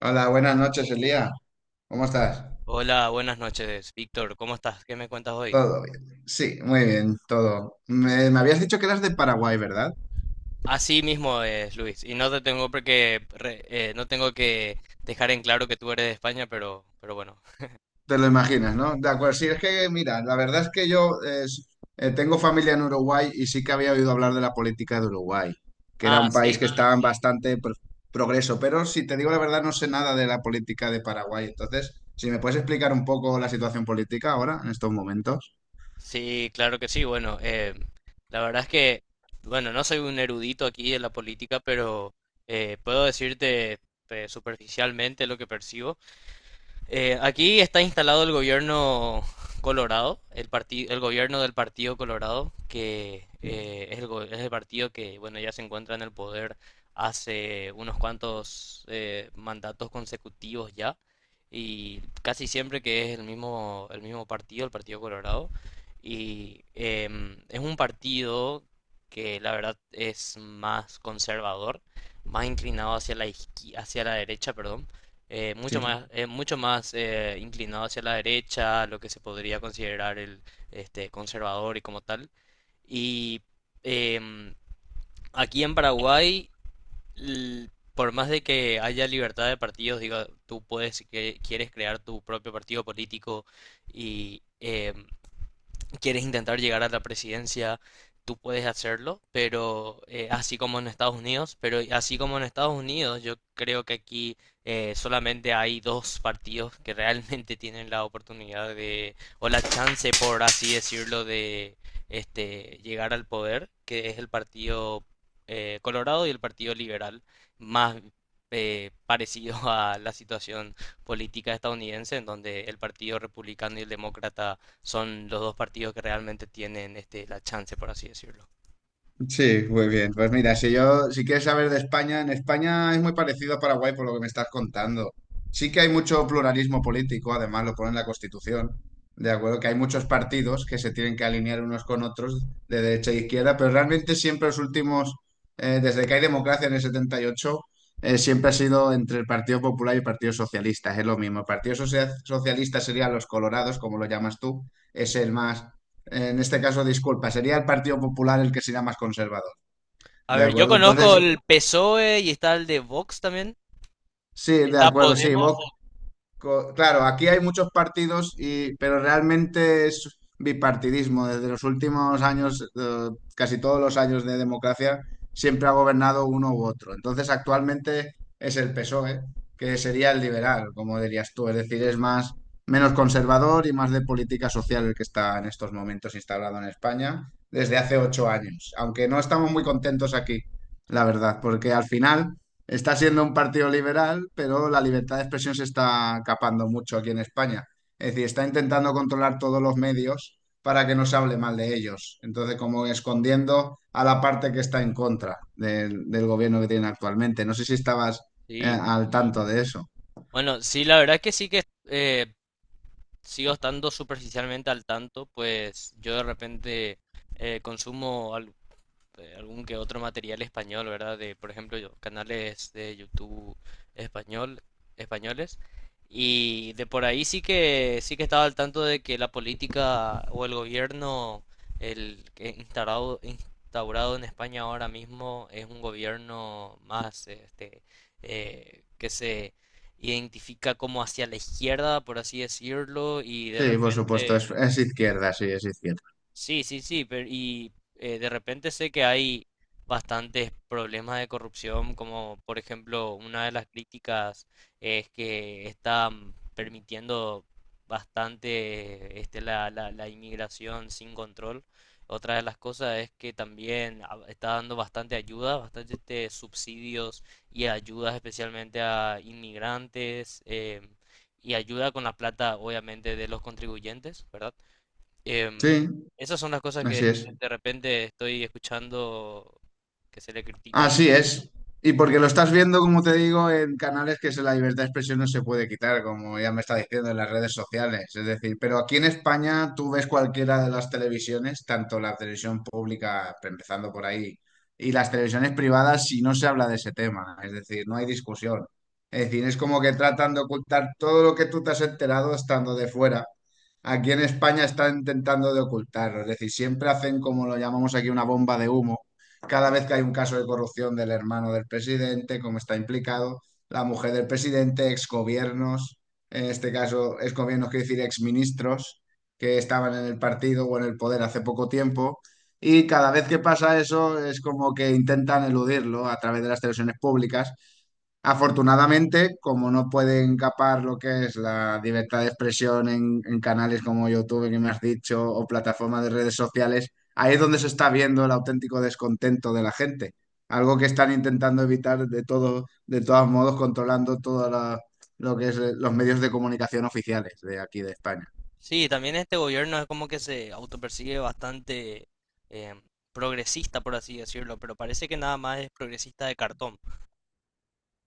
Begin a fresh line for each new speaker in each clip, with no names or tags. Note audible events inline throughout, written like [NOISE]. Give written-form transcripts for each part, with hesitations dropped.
Hola, buenas noches, Elía. ¿Cómo estás?
Hola, buenas noches, Víctor. ¿Cómo estás? ¿Qué me cuentas hoy?
Todo bien. Sí, muy bien, todo. Me habías dicho que eras de Paraguay, ¿verdad?
Así mismo es, Luis. Y no te tengo porque no tengo que dejar en claro que tú eres de España, pero bueno.
Te lo imaginas, ¿no? De acuerdo, sí, es que, mira, la verdad es que yo tengo familia en Uruguay y sí que había oído hablar de la política de Uruguay, que era
Ah,
un país que
sí.
estaba en progreso, pero si te digo la verdad, no sé nada de la política de Paraguay. Entonces, si me puedes explicar un poco la situación política ahora, en estos momentos.
Sí, claro que sí. Bueno, la verdad es que, bueno, no soy un erudito aquí de la política, pero puedo decirte superficialmente lo que percibo. Aquí está instalado el gobierno Colorado, el partido, el gobierno del Partido Colorado, que
Sí.
es el, es el partido que, bueno, ya se encuentra en el poder hace unos cuantos mandatos consecutivos ya, y casi siempre que es el mismo partido, el Partido Colorado, y es un partido que la verdad es más conservador, más inclinado hacia hacia la derecha, perdón, mucho
Sí.
más, es mucho más inclinado hacia la derecha, lo que se podría considerar el este, conservador y como tal. Y em, aquí en Paraguay, por más de que haya libertad de partidos, digo, quieres crear tu propio partido político y quieres intentar llegar a la presidencia, tú puedes hacerlo, pero así como en Estados Unidos, pero así como en Estados Unidos, yo creo que aquí solamente hay dos partidos que realmente [LAUGHS] tienen la oportunidad de, o la chance, por así decirlo, de este, llegar al poder, que es el Partido Colorado y el Partido Liberal, más parecido [LAUGHS] a la situación política estadounidense, en donde el Partido Republicano y el Demócrata son los dos partidos que realmente tienen este, la chance, por así decirlo.
Sí, muy bien. Pues mira, si yo, si quieres saber de España, en España es muy parecido a Paraguay por lo que me estás contando. Sí que hay mucho pluralismo político, además lo pone en la Constitución, de acuerdo, que hay muchos partidos que se tienen que alinear unos con otros de derecha e izquierda, pero realmente siempre los últimos, desde que hay democracia en el 78, siempre ha sido entre el Partido Popular y el Partido Socialista, es lo mismo. El Partido Socialista serían los colorados, como lo llamas tú, es el más, en este caso, disculpa, sería el Partido Popular el que sería más conservador.
A
¿De
ver, yo
acuerdo? Entonces,
conozco el PSOE y está el de Vox también.
sí, de
Está
acuerdo, sí, no,
Podemos.
Vox. Claro, aquí hay muchos partidos, y, pero realmente es bipartidismo. Desde los últimos años, casi todos los años de democracia, siempre ha gobernado uno u otro. Entonces, actualmente es el PSOE, que sería el liberal, como dirías tú. Es decir, es más, menos conservador y más de política social el que está en estos momentos instalado en España desde hace 8 años. Aunque no estamos muy contentos aquí, la verdad, porque al final… Está siendo un partido liberal, pero la libertad de expresión se está capando mucho aquí en España. Es decir, está intentando controlar todos los medios para que no se hable mal de ellos. Entonces, como escondiendo a la parte que está en contra del, del gobierno que tienen actualmente. No sé si estabas
Sí.
al tanto de eso.
Bueno, sí, la verdad es que sí que sigo estando superficialmente al tanto, pues yo de repente eh, consumo al- algún que otro material español, ¿verdad? De, por ejemplo, canales de YouTube español, españoles. Y de por ahí sí que estaba al tanto de que la política o el gobierno el que instaurado en España ahora mismo es un gobierno más este que se identifica como hacia la izquierda, por así decirlo, y de
Sí, por supuesto,
repente.
es izquierda.
Sí, sí, sí, pero y de repente sé que hay bastantes problemas de corrupción, como por ejemplo una de las críticas es que están permitiendo bastante este, la inmigración sin control. Otra de las cosas es que también está dando bastante ayuda, bastante este, subsidios y ayudas especialmente a inmigrantes y ayuda con la plata obviamente de los contribuyentes, ¿verdad? Em,
Sí,
esas son las cosas que
así es.
de repente estoy escuchando que se le critica.
Así es. Y porque lo estás viendo, como te digo, en canales que se- la libertad de expresión no se puede quitar, como ya me está diciendo en las redes sociales. Es decir, pero aquí en España tú ves cualquiera de las televisiones, tanto la televisión pública, empezando por ahí, y las televisiones privadas, si no se habla de ese tema. Es decir, no hay discusión. Es decir, es como que tratan de ocultar todo lo que tú te has enterado estando de fuera. Aquí en España están intentando de ocultarlo. Es decir, siempre hacen como lo llamamos aquí una bomba de humo cada vez que hay un caso de corrupción del hermano del presidente, como está implicado, la mujer del presidente, exgobiernos, en este caso exgobiernos quiere decir exministros que estaban en el partido o en el poder hace poco tiempo. Y cada vez que pasa eso es como que intentan eludirlo a través de las televisiones públicas. Afortunadamente, como no pueden capar lo que es la libertad de expresión en canales como YouTube, que me has dicho, o plataformas de redes sociales, ahí es donde se está viendo el auténtico descontento de la gente. Algo que están intentando evitar de todo, de todos modos, controlando todo lo que es los medios de comunicación oficiales de aquí de España.
Sí, también este gobierno es como que se autopercibe bastante em, progresista, por así decirlo, pero parece que nada más es progresista de cartón.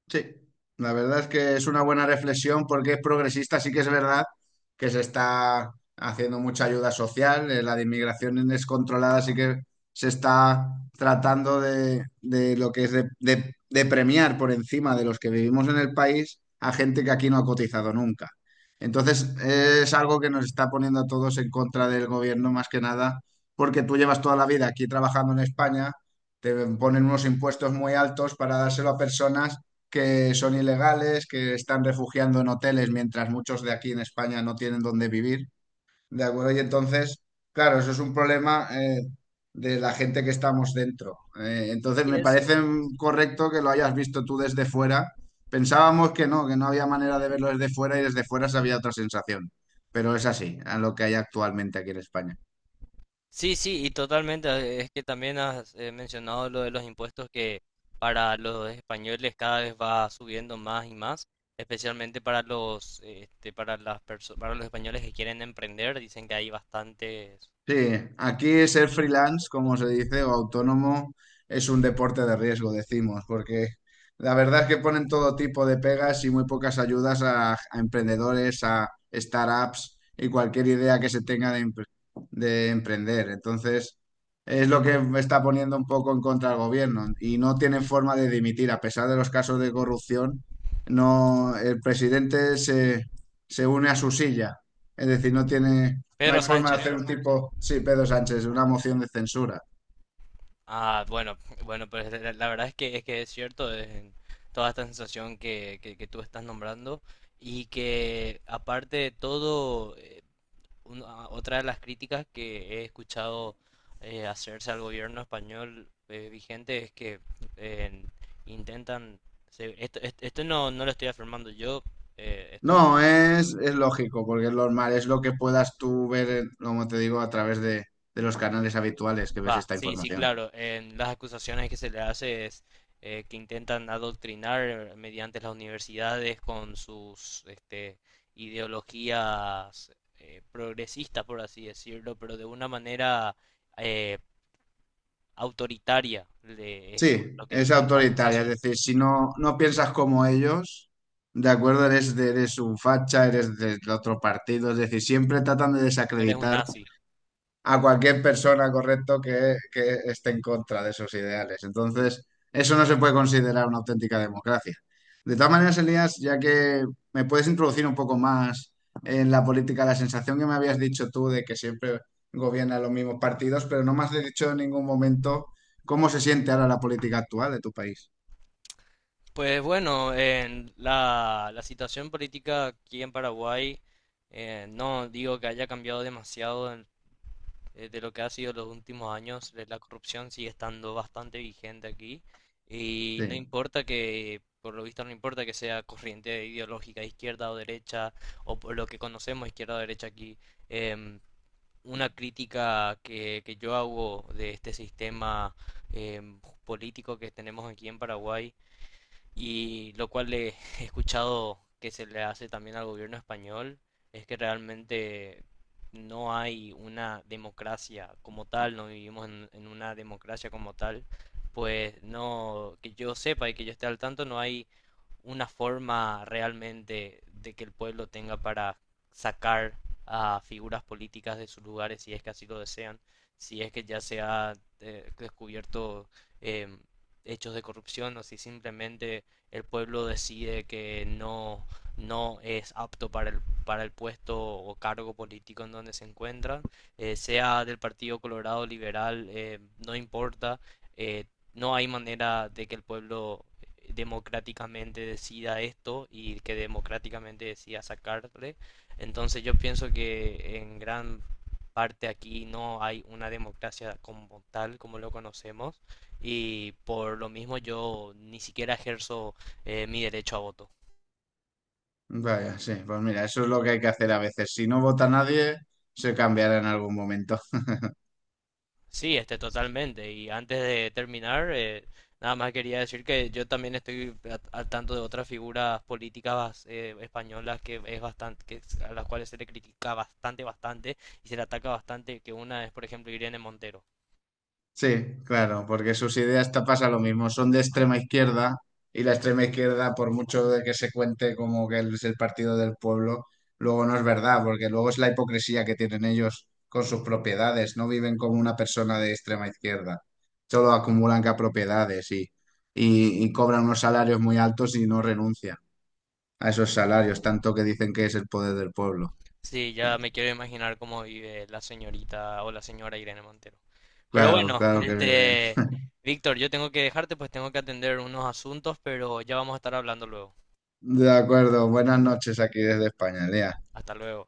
Sí, la verdad es que es una buena reflexión porque es progresista, sí que es verdad que se está haciendo mucha ayuda social, la de inmigración descontrolada sí que se está tratando de lo que es de, de premiar por encima de los que vivimos en el país a gente que aquí no ha cotizado nunca. Entonces es algo que nos está poniendo a todos en contra del gobierno más que nada porque tú llevas toda la vida aquí trabajando en España, te ponen unos impuestos muy altos para dárselo a personas que son ilegales, que están refugiando en hoteles mientras muchos de aquí en España no tienen dónde vivir, ¿de acuerdo? Y entonces, claro, eso es un problema de la gente que estamos dentro. Eh,
Sí,
entonces, me parece
eso.
correcto que lo hayas visto tú desde fuera. Pensábamos que no había manera de verlo desde fuera y desde fuera se había otra sensación, pero es así, a lo que hay actualmente aquí en España.
Sí, sí, y totalmente. Es que también has mencionado lo de los impuestos que para los españoles cada vez va subiendo más y más, especialmente para los, este, para para los españoles que quieren emprender, dicen que hay bastantes.
Sí, aquí ser freelance, como se dice, o autónomo, es un deporte de riesgo, decimos, porque la verdad es que ponen todo tipo de pegas y muy pocas ayudas a emprendedores, a startups y cualquier idea que se tenga de, de emprender. Entonces, es lo que me está poniendo un poco en contra el gobierno y no tienen forma de dimitir, a pesar de los casos de corrupción, no, el presidente se, se une a su silla, es decir, no tiene… No hay
Pedro
forma de hacer
Sánchez.
Pedro un Sánchez. Tipo, sí, Pedro Sánchez, una moción de censura.
Ah, bueno, bueno, pues la verdad es que es cierto, es toda esta sensación que, que tú estás nombrando y que aparte de todo, otra de las críticas que he escuchado hacerse al gobierno español vigente es que eh, intentan, esto no, no lo estoy afirmando yo, estoy.
No, es lógico, porque es normal, es lo que puedas tú ver, como te digo, a través de los canales habituales que ves
Va,
esta
sí, sí,
información.
claro. En las acusaciones que se le hace es que intentan adoctrinar mediante las universidades con sus este, ideologías progresistas, por así decirlo, pero de una manera eh, autoritaria. De eso es
Sí,
lo que
es
dicen las
autoritaria, es
acusaciones.
decir, si no, no piensas como ellos, de acuerdo, eres de, eres un facha, eres del otro partido, es decir, siempre tratan de
Eres un
desacreditar
nazi.
a cualquier persona, correcto, que esté en contra de esos ideales. Entonces, eso no se puede considerar una auténtica democracia. De todas maneras, Elías, ya que me puedes introducir un poco más en la política, la sensación que me habías dicho tú de que siempre gobiernan los mismos partidos, pero no me has dicho en ningún momento cómo se siente ahora la política actual de tu país.
Pues bueno, en la, la situación política aquí en Paraguay, no digo que haya cambiado demasiado de lo que ha sido los últimos años, la corrupción sigue estando bastante vigente aquí y
Sí,
no importa que, por lo visto no importa que sea corriente ideológica, izquierda o derecha, o por lo que conocemos izquierda o derecha aquí, em, una crítica que yo hago de este sistema político que tenemos aquí en Paraguay y lo cual le [LAUGHS] he escuchado que se le hace también al gobierno español es que realmente no hay una democracia como tal, no vivimos en una democracia como tal, pues no, que yo sepa y que yo esté al tanto, no hay una forma realmente de que el pueblo tenga para sacar a figuras políticas de sus lugares si es que así lo desean, si es que ya se ha descubierto em, hechos de corrupción o si simplemente el pueblo decide que no, no es apto para el puesto o cargo político en donde se encuentra, sea del Partido Colorado Liberal, no importa, eh, no hay manera de que el pueblo democráticamente decida esto y que democráticamente decida sacarle. Entonces yo pienso que en gran parte aquí no hay una democracia como tal, como lo conocemos, y por lo mismo yo ni siquiera ejerzo mi derecho a voto.
vaya, sí, pues mira, eso es lo que hay que hacer a veces. Si no vota nadie, se cambiará en algún momento.
Sí, este, totalmente. Y antes de terminar, nada más quería decir que yo también estoy al tanto de otras figuras políticas españolas que es bastante, a las cuales se le critica bastante, bastante, y se le ataca bastante. Que una es, por ejemplo, Irene Montero.
Sí, claro, porque sus ideas te pasa lo mismo, son de extrema izquierda y la extrema izquierda, por mucho de que se cuente como que es el partido del pueblo, luego no es verdad, porque luego es la hipocresía que tienen ellos con sus propiedades, no viven como una persona de extrema izquierda, solo acumulan propiedades y, y cobran unos salarios muy altos y no renuncian a esos salarios, tanto que dicen que es el poder del pueblo.
Sí, ya me quiero imaginar cómo vive la señorita o la señora Irene Montero. Pero
Claro,
bueno,
claro que viven.
este, Víctor, yo tengo que dejarte, pues tengo que atender unos asuntos, pero ya vamos a estar hablando luego.
De acuerdo, buenas noches aquí desde España, Lea.
Hasta luego.